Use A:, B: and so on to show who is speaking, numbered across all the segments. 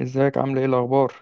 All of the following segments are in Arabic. A: ازيك، عامل ايه الاخبار؟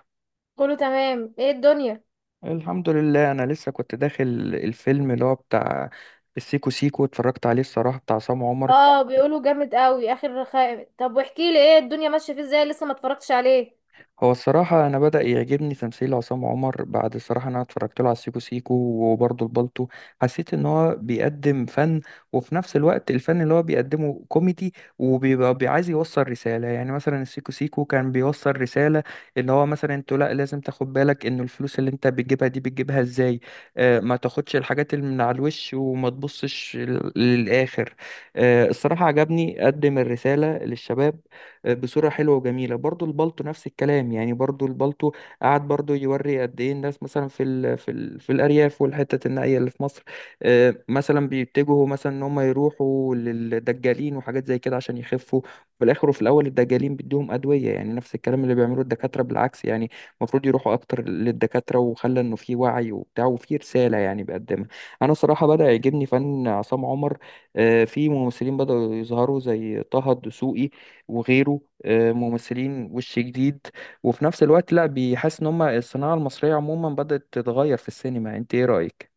B: كله تمام. ايه الدنيا؟
A: الحمد لله. انا لسه كنت داخل الفيلم اللي هو بتاع السيكو سيكو، اتفرجت عليه الصراحه، بتاع عصام عمر.
B: اه، بيقولوا جامد قوي اخر خائم. طب واحكي لي، ايه الدنيا ماشيه فيه ازاي، لسه ما اتفرجتش عليه.
A: هو الصراحة أنا بدأ يعجبني تمثيل عصام عمر، بعد الصراحة أنا اتفرجت له على سيكو سيكو وبرضه البالتو. حسيت إن هو بيقدم فن، وفي نفس الوقت الفن اللي هو بيقدمه كوميدي وبيبقى عايز يوصل رسالة. يعني مثلا السيكو سيكو كان بيوصل رسالة، إن هو مثلا أنت لا لازم تاخد بالك إن الفلوس اللي أنت بتجيبها دي بتجيبها إزاي. آه، ما تاخدش الحاجات اللي من على الوش، وما تبصش للآخر. آه، الصراحة عجبني قدم الرسالة للشباب بصورة حلوة وجميلة. برضو البالتو نفس الكلام، يعني برضو البالتو قعد برضو يوري قد ايه الناس مثلا في الأرياف والحتة النائية اللي في مصر. آه، مثلا بيتجهوا مثلا ان هم يروحوا للدجالين وحاجات زي كده عشان يخفوا في الآخر، وفي الأول الدجالين بيدوهم أدوية، يعني نفس الكلام اللي بيعملوه الدكاترة بالعكس. يعني المفروض يروحوا أكتر للدكاترة، وخلى إنه في وعي وبتاع وفي رسالة يعني بيقدمها. أنا صراحة بدأ يعجبني فن عصام عمر. آه، في ممثلين بدأوا يظهروا زي طه الدسوقي وغيره. آه، ممثلين وش جديد، وفي نفس الوقت لا بيحس ان هم الصناعة المصرية عموما بدأت تتغير في السينما. انت ايه رأيك؟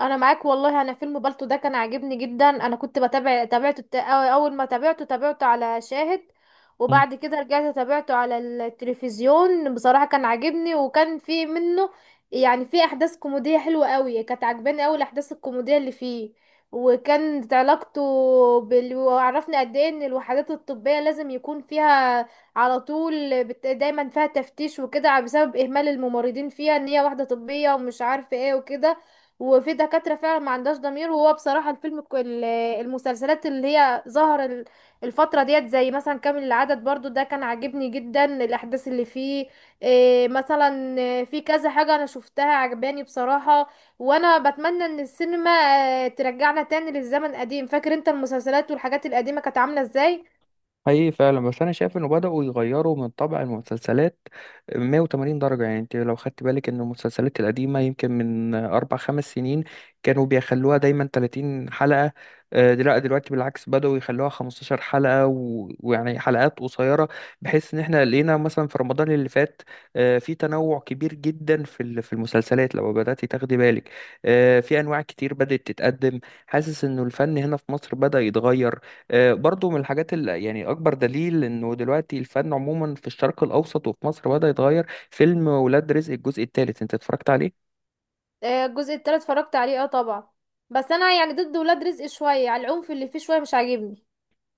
B: انا معاك والله. انا فيلم بالطو ده كان عاجبني جدا. انا كنت بتابع تابعته اول ما تابعته على شاهد، وبعد كده رجعت تابعته على التلفزيون. بصراحة كان عاجبني وكان في منه يعني في احداث كوميدية حلوة قوي، كانت عاجباني قوي الاحداث الكوميدية اللي فيه. وكانت علاقته وعرفنا قد ايه ان الوحدات الطبية لازم يكون فيها على طول دايما فيها تفتيش وكده بسبب اهمال الممرضين فيها، ان هي واحدة طبية ومش عارفة ايه وكده. وفي دكاترة فعلا ما عندهاش ضمير. وهو بصراحة المسلسلات اللي هي الفترة ديت زي مثلا كامل العدد، برضو ده كان عاجبني جدا الأحداث اللي فيه. إيه مثلا إيه في كذا حاجة أنا شفتها عجباني بصراحة. وأنا بتمنى إن السينما ترجعنا تاني للزمن قديم. فاكر أنت المسلسلات والحاجات القديمة كانت عاملة إزاي؟
A: حقيقي فعلا. بس انا شايف انه بدأوا يغيروا من طبع المسلسلات 180 درجة. يعني انت لو خدت بالك ان المسلسلات القديمة يمكن من اربع خمس سنين كانوا بيخلوها دايما 30 حلقة. آه، لا دلوقتي بالعكس بدأوا يخلوها 15 حلقة ويعني حلقات قصيرة، بحيث ان احنا لقينا مثلا في رمضان اللي فات آه، في تنوع كبير جدا في المسلسلات. لو بدأتي تاخدي بالك آه، في انواع كتير بدأت تتقدم. حاسس انه الفن هنا في مصر بدأ يتغير. آه، برضو من الحاجات اللي يعني أكبر دليل إنه دلوقتي الفن عموما في الشرق الأوسط وفي مصر بدأ يتغير. فيلم ولاد رزق الجزء الثالث أنت اتفرجت عليه؟
B: آه، الجزء التالت اتفرجت عليه، اه طبعا. بس أنا يعني ضد ولاد رزق شوية، على العنف اللي فيه شوية مش عاجبني.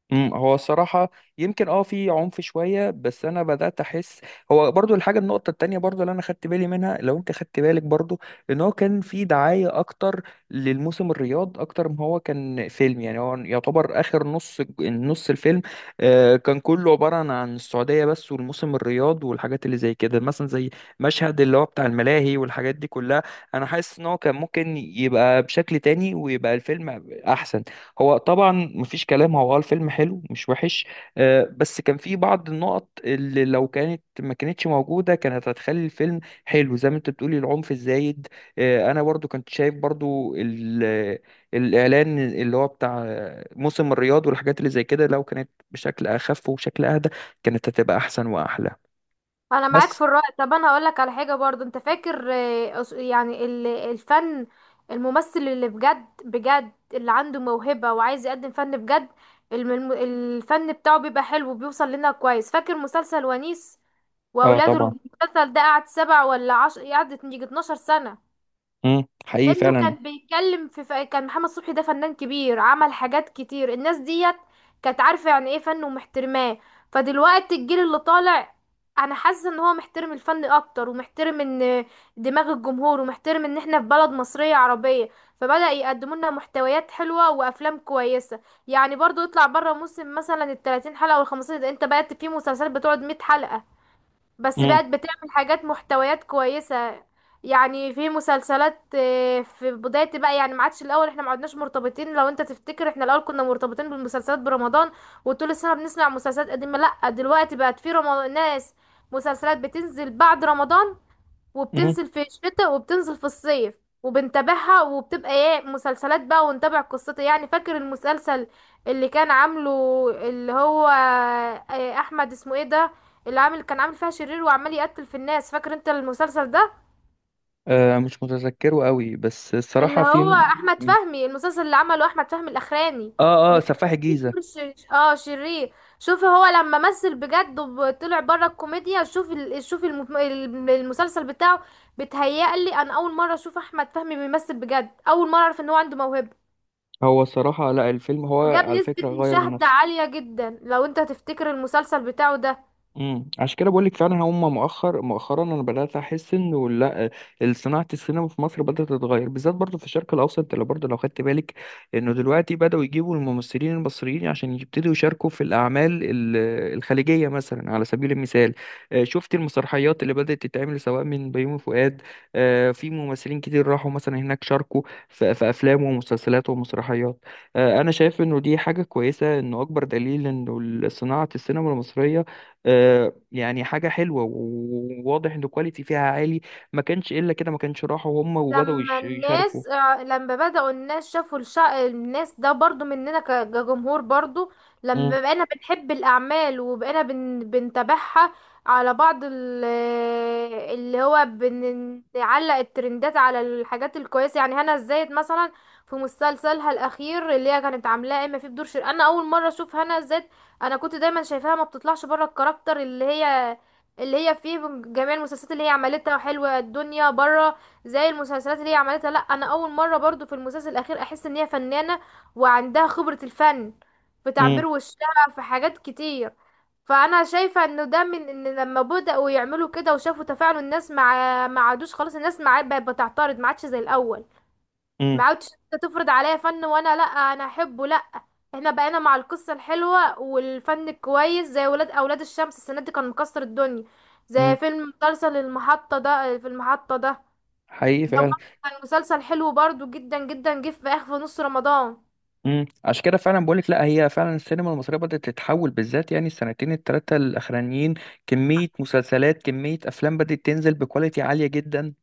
A: هو الصراحة يمكن اه في عنف شوية، بس انا بدأت احس. هو برضو الحاجة، النقطة التانية برضو اللي انا خدت بالي منها، لو انت خدت بالك برضو، ان هو كان في دعاية اكتر للموسم الرياض اكتر ما هو كان فيلم. يعني هو يعتبر اخر نص الفيلم آه، كان كله عبارة عن السعودية بس، والموسم الرياض والحاجات اللي زي كده، مثلا زي مشهد اللي هو بتاع الملاهي والحاجات دي كلها. انا حاسس ان هو كان ممكن يبقى بشكل تاني ويبقى الفيلم احسن. هو طبعا مفيش كلام، هو اه الفيلم حلو مش وحش. آه، بس كان في بعض النقط اللي لو كانت ما كانتش موجودة كانت هتخلي الفيلم حلو زي ما انت بتقولي، العنف الزايد. آه، انا برضو كنت شايف برضو الاعلان اللي هو بتاع موسم الرياض والحاجات اللي زي كده، لو كانت بشكل اخف وبشكل اهدى كانت هتبقى احسن واحلى.
B: انا معاك
A: بس.
B: في الرأي. طب انا هقول لك على حاجه برضو. انت فاكر الفن، الممثل اللي بجد بجد اللي عنده موهبه وعايز يقدم فن بجد، الفن بتاعه بيبقى حلو وبيوصل لنا كويس. فاكر مسلسل ونيس
A: اه
B: واولاده؟
A: طبعا.
B: المسلسل ده قعد سبع ولا عشر، قعدت يجي 12 سنه.
A: حقيقي
B: انه
A: فعلا.
B: كان بيتكلم كان محمد صبحي ده فنان كبير، عمل حاجات كتير. الناس ديت كانت عارفة يعني ايه فن ومحترماه. فدلوقتي الجيل اللي طالع انا حاسة ان هو محترم الفن اكتر، ومحترم ان دماغ الجمهور، ومحترم ان احنا في بلد مصرية عربية، فبدأ يقدموا لنا محتويات حلوة وافلام كويسة. يعني برضو يطلع بره موسم مثلا ال 30 حلقة وال 15، انت بقى في مسلسلات بتقعد 100 حلقة بس
A: امم.
B: بقت بتعمل حاجات محتويات كويسة. يعني في مسلسلات، في بداية بقى يعني ما عادش الأول. احنا ما عدناش مرتبطين. لو انت تفتكر احنا الأول كنا مرتبطين بالمسلسلات برمضان وطول السنة بنسمع مسلسلات قديمة. لأ دلوقتي بقت في رمضان ناس، مسلسلات بتنزل بعد رمضان
A: امم.
B: وبتنزل في الشتاء وبتنزل في الصيف وبنتابعها وبتبقى ايه مسلسلات بقى، ونتابع قصتها. يعني فاكر المسلسل اللي كان عامله اللي هو، احمد اسمه ايه ده، اللي عامل كان عامل فيها شرير وعمال يقتل في الناس، فاكر انت المسلسل ده؟
A: آه، مش متذكره قوي، بس
B: اللي
A: الصراحة
B: هو
A: في.
B: احمد
A: مم.
B: فهمي، المسلسل اللي عمله احمد فهمي الاخراني،
A: اه، اه،
B: اللي كان
A: سفاح
B: فيه دور
A: الجيزة.
B: شرير. شوفي هو لما مثل بجد وطلع بره الكوميديا، شوفي المسلسل بتاعه. بتهيألي انا اول مره اشوف احمد فهمي بيمثل بجد، اول مره اعرف ان هو عنده موهبه
A: هو الصراحة لا، الفيلم هو
B: وجاب
A: على
B: نسبه
A: فكرة غير من
B: مشاهده
A: نفسه.
B: عاليه جدا. لو انت تفتكر المسلسل بتاعه ده.
A: عشان كده بقول لك فعلا، هم مؤخرا انا بدات احس انه لا، صناعه السينما في مصر بدات تتغير، بالذات برضه في الشرق الاوسط اللي برضه لو خدت بالك انه دلوقتي بداوا يجيبوا الممثلين المصريين عشان يبتدوا يشاركوا في الاعمال الخليجيه، مثلا على سبيل المثال. آه، شفت المسرحيات اللي بدات تتعمل سواء من بيومي فؤاد. آه، في ممثلين كتير راحوا مثلا هناك، شاركوا في افلام ومسلسلات ومسرحيات. آه، انا شايف انه دي حاجه كويسه، انه اكبر دليل انه صناعه السينما المصريه آه، يعني حاجة حلوة وواضح ان الكواليتي فيها عالي. ما كانش الا كده، ما كانش راحوا هم وبدأوا يشاركوا.
B: لما بدأوا الناس شافوا الناس ده برضو مننا كجمهور برضو،
A: امم.
B: لما بقينا بنحب الأعمال وبقينا بنتابعها. على بعض اللي هو بنعلق الترندات على الحاجات الكويسة. يعني هنا الزاهد مثلا، في مسلسلها الأخير اللي هي كانت عاملاه إما في بدور شر، أنا أول مرة أشوف هنا الزاهد. أنا كنت دايما شايفاها ما بتطلعش بره الكاركتر اللي هي اللي هي فيه، جميع المسلسلات اللي هي عملتها، وحلوة الدنيا بره. زي المسلسلات اللي هي عملتها، لا انا اول مره برضو في المسلسل الاخير احس ان هي فنانه وعندها خبره الفن، في
A: امم.
B: تعبير وشها، في حاجات كتير. فانا شايفه انه ده من ان لما بداوا يعملوا كده وشافوا تفاعل الناس، مع ما عادوش خلاص الناس، مع بقت بتعترض، ما عادش زي الاول. ما
A: امم.
B: عادش انت تفرض عليا فن وانا لا، انا احبه لا، احنا بقينا مع القصه الحلوه والفن الكويس، زي اولاد الشمس. السنه دي كان مكسر الدنيا.
A: امم.
B: زي مسلسل المحطه ده،
A: حقيقي
B: ده
A: فعلا.
B: برضه كان مسلسل حلو برضه جدا جدا، جه في اخر في نص رمضان.
A: عشان كده فعلا بقولك لا، هي فعلا السينما المصريه بدات تتحول، بالذات يعني السنتين الثلاثه الاخرانيين كميه مسلسلات، كميه افلام بدات تنزل بكواليتي عاليه جدا.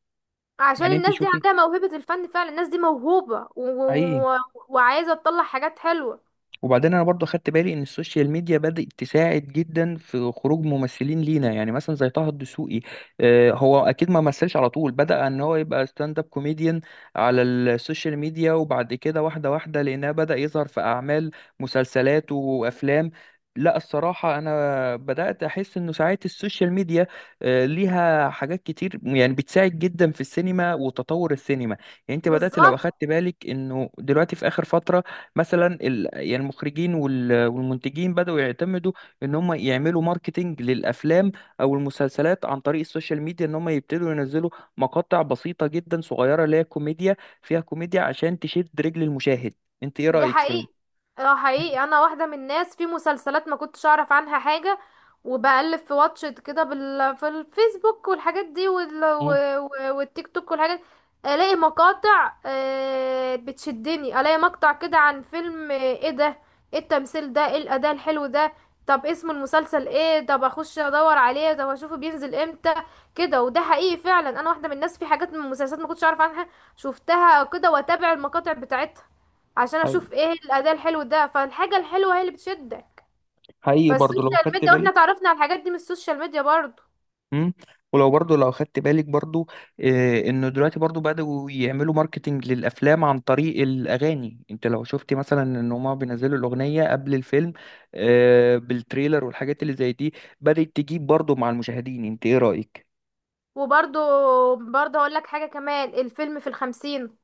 B: عشان
A: يعني انت
B: الناس دي
A: شوفي،
B: عندها موهبة الفن، فعلا الناس دي موهوبة
A: حقيقي.
B: وعايزة تطلع حاجات حلوة.
A: وبعدين انا برضو خدت بالي ان السوشيال ميديا بدأت تساعد جدا في خروج ممثلين لينا، يعني مثلا زي طه الدسوقي آه، هو اكيد ما مثلش على طول، بدأ ان هو يبقى ستاند اب كوميديان على السوشيال ميديا، وبعد كده واحدة واحدة لانها بدأ يظهر في اعمال، مسلسلات وافلام. لا الصراحة أنا بدأت أحس إنه ساعات السوشيال ميديا آه، ليها حاجات كتير، يعني بتساعد جدا في السينما وتطور السينما. يعني أنت بدأت لو
B: بالظبط.
A: أخدت بالك إنه دلوقتي في آخر فترة مثلا يعني المخرجين والمنتجين بدأوا يعتمدوا ان هم يعملوا ماركتينج للافلام او المسلسلات عن طريق السوشيال ميديا، ان هم يبتدوا ينزلوا مقاطع بسيطة جدا صغيرة اللي هي كوميديا، فيها كوميديا عشان تشد رجل المشاهد. انت ايه
B: دي
A: رأيك
B: حقيقي. اه حقيقي، انا واحده من الناس في مسلسلات ما كنتش اعرف عنها حاجه، وبقلب في واتشت كده في الفيسبوك والحاجات دي
A: مم.
B: و... والتيك توك والحاجات، الاقي مقاطع، بتشدني. الاقي مقطع كده عن فيلم، ايه ده، ايه التمثيل ده، ايه الاداء الحلو ده، طب اسم المسلسل ايه، طب اخش ادور عليه، طب اشوفه بينزل امتى كده. وده حقيقي فعلا، انا واحده من الناس في حاجات من المسلسلات ما كنتش اعرف عنها، شفتها كده واتابع المقاطع بتاعتها عشان
A: حقيقي.
B: اشوف ايه الاداء الحلو ده. فالحاجه الحلوه هي اللي بتشدك.
A: حقيقي برضو لو
B: فالسوشيال
A: خدت
B: ميديا، واحنا
A: بالك.
B: تعرفنا على الحاجات دي من السوشيال ميديا برضو.
A: مم. ولو برضو لو خدت بالك برضو آه، انه دلوقتي برضو بدأوا يعملوا ماركتينج للافلام عن طريق الاغاني. انت لو شفت مثلا ان هما بينزلوا الاغنية قبل الفيلم آه، بالتريلر والحاجات اللي زي دي، بدأت تجيب برضو مع المشاهدين. انت ايه رأيك؟
B: وبرضو هقول لك حاجه كمان، الفيلم في الخمسين،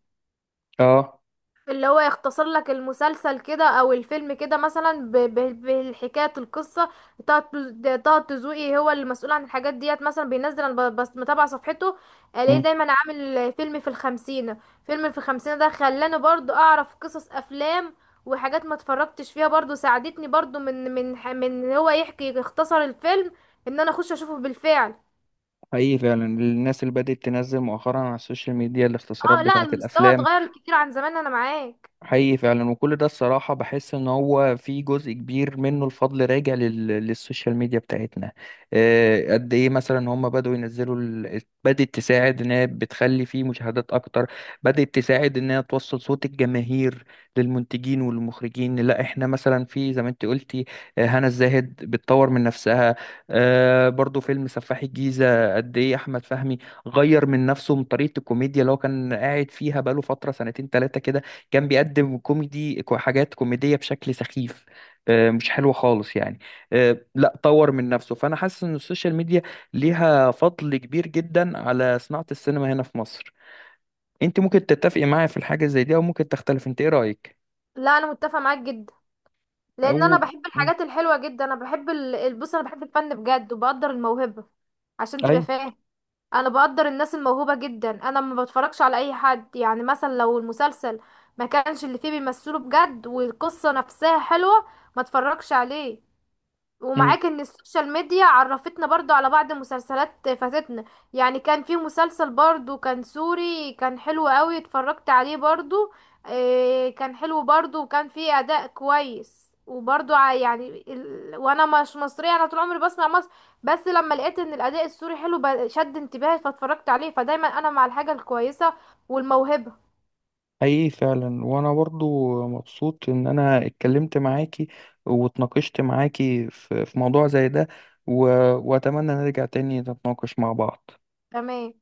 A: اه.
B: اللي هو يختصر لك المسلسل كده او الفيلم كده مثلا بالحكاية القصة. طه الدسوقي هو اللي مسؤول عن الحاجات ديت، مثلا بينزل انا بس متابعة صفحته، الاقيه
A: مم.
B: دايما عامل فيلم في الخمسين. فيلم في الخمسين ده خلاني برضو اعرف قصص افلام وحاجات ما اتفرجتش فيها، برضو ساعدتني برضو من هو يحكي يختصر الفيلم، ان انا اخش اشوفه بالفعل.
A: حقيقي فعلا، الناس اللي بدأت تنزل مؤخرا على السوشيال ميديا الاختصارات
B: اه لا،
A: بتاعت
B: المستوى
A: الافلام.
B: اتغير كتير عن زمان، انا معاك.
A: حقيقي فعلا، وكل ده الصراحة بحس ان هو في جزء كبير منه الفضل راجع للسوشيال ميديا بتاعتنا. آه، قد ايه مثلا هم بدأوا ينزلوا بدأت تساعد ان هي بتخلي فيه مشاهدات اكتر، بدأت تساعد ان هي توصل صوت الجماهير للمنتجين والمخرجين. لا احنا مثلا، في زي ما انت قلتي آه، هنا الزاهد بتطور من نفسها. آه، برضو فيلم سفاح الجيزة، قد ايه احمد فهمي غير من نفسه من طريقة الكوميديا اللي هو كان قاعد فيها بقاله فترة سنتين تلاتة كده. كان بيقدم كوميدي حاجات كوميدية بشكل سخيف آه، مش حلوة خالص يعني. آه، لا طور من نفسه. فأنا حاسس إن السوشيال ميديا ليها فضل كبير جدا على صناعة السينما هنا في مصر. أنت ممكن تتفقي معايا في الحاجة زي دي، أو ممكن تختلف. أنت إيه رأيك؟
B: لا انا متفق معاك جدا، لان انا
A: أو.
B: بحب
A: مم.
B: الحاجات الحلوه جدا. انا بحب بص، انا بحب الفن بجد وبقدر الموهبه، عشان تبقى
A: أي.
B: فاهم. انا بقدر الناس الموهوبه جدا، انا ما بتفرجش على اي حد. يعني مثلا لو المسلسل ما كانش اللي فيه بيمثله بجد والقصه نفسها حلوه، ما اتفرجش عليه.
A: مم.
B: ومعاك ان السوشيال ميديا عرفتنا برضو على بعض مسلسلات فاتتنا. يعني كان في مسلسل برضو كان سوري كان حلو قوي، اتفرجت عليه برضو، إيه كان حلو برضو وكان فيه اداء كويس، وبرضو وانا مش مصرية، انا طول عمري بسمع مصر، بس لما لقيت ان الاداء السوري حلو شد انتباهي فاتفرجت عليه. فدايما انا مع الحاجة الكويسة والموهبة.
A: حقيقي فعلا، وأنا برضو مبسوط إن أنا اتكلمت معاكي واتناقشت معاكي في موضوع زي ده، و... وأتمنى نرجع تاني نتناقش مع بعض
B: تمام.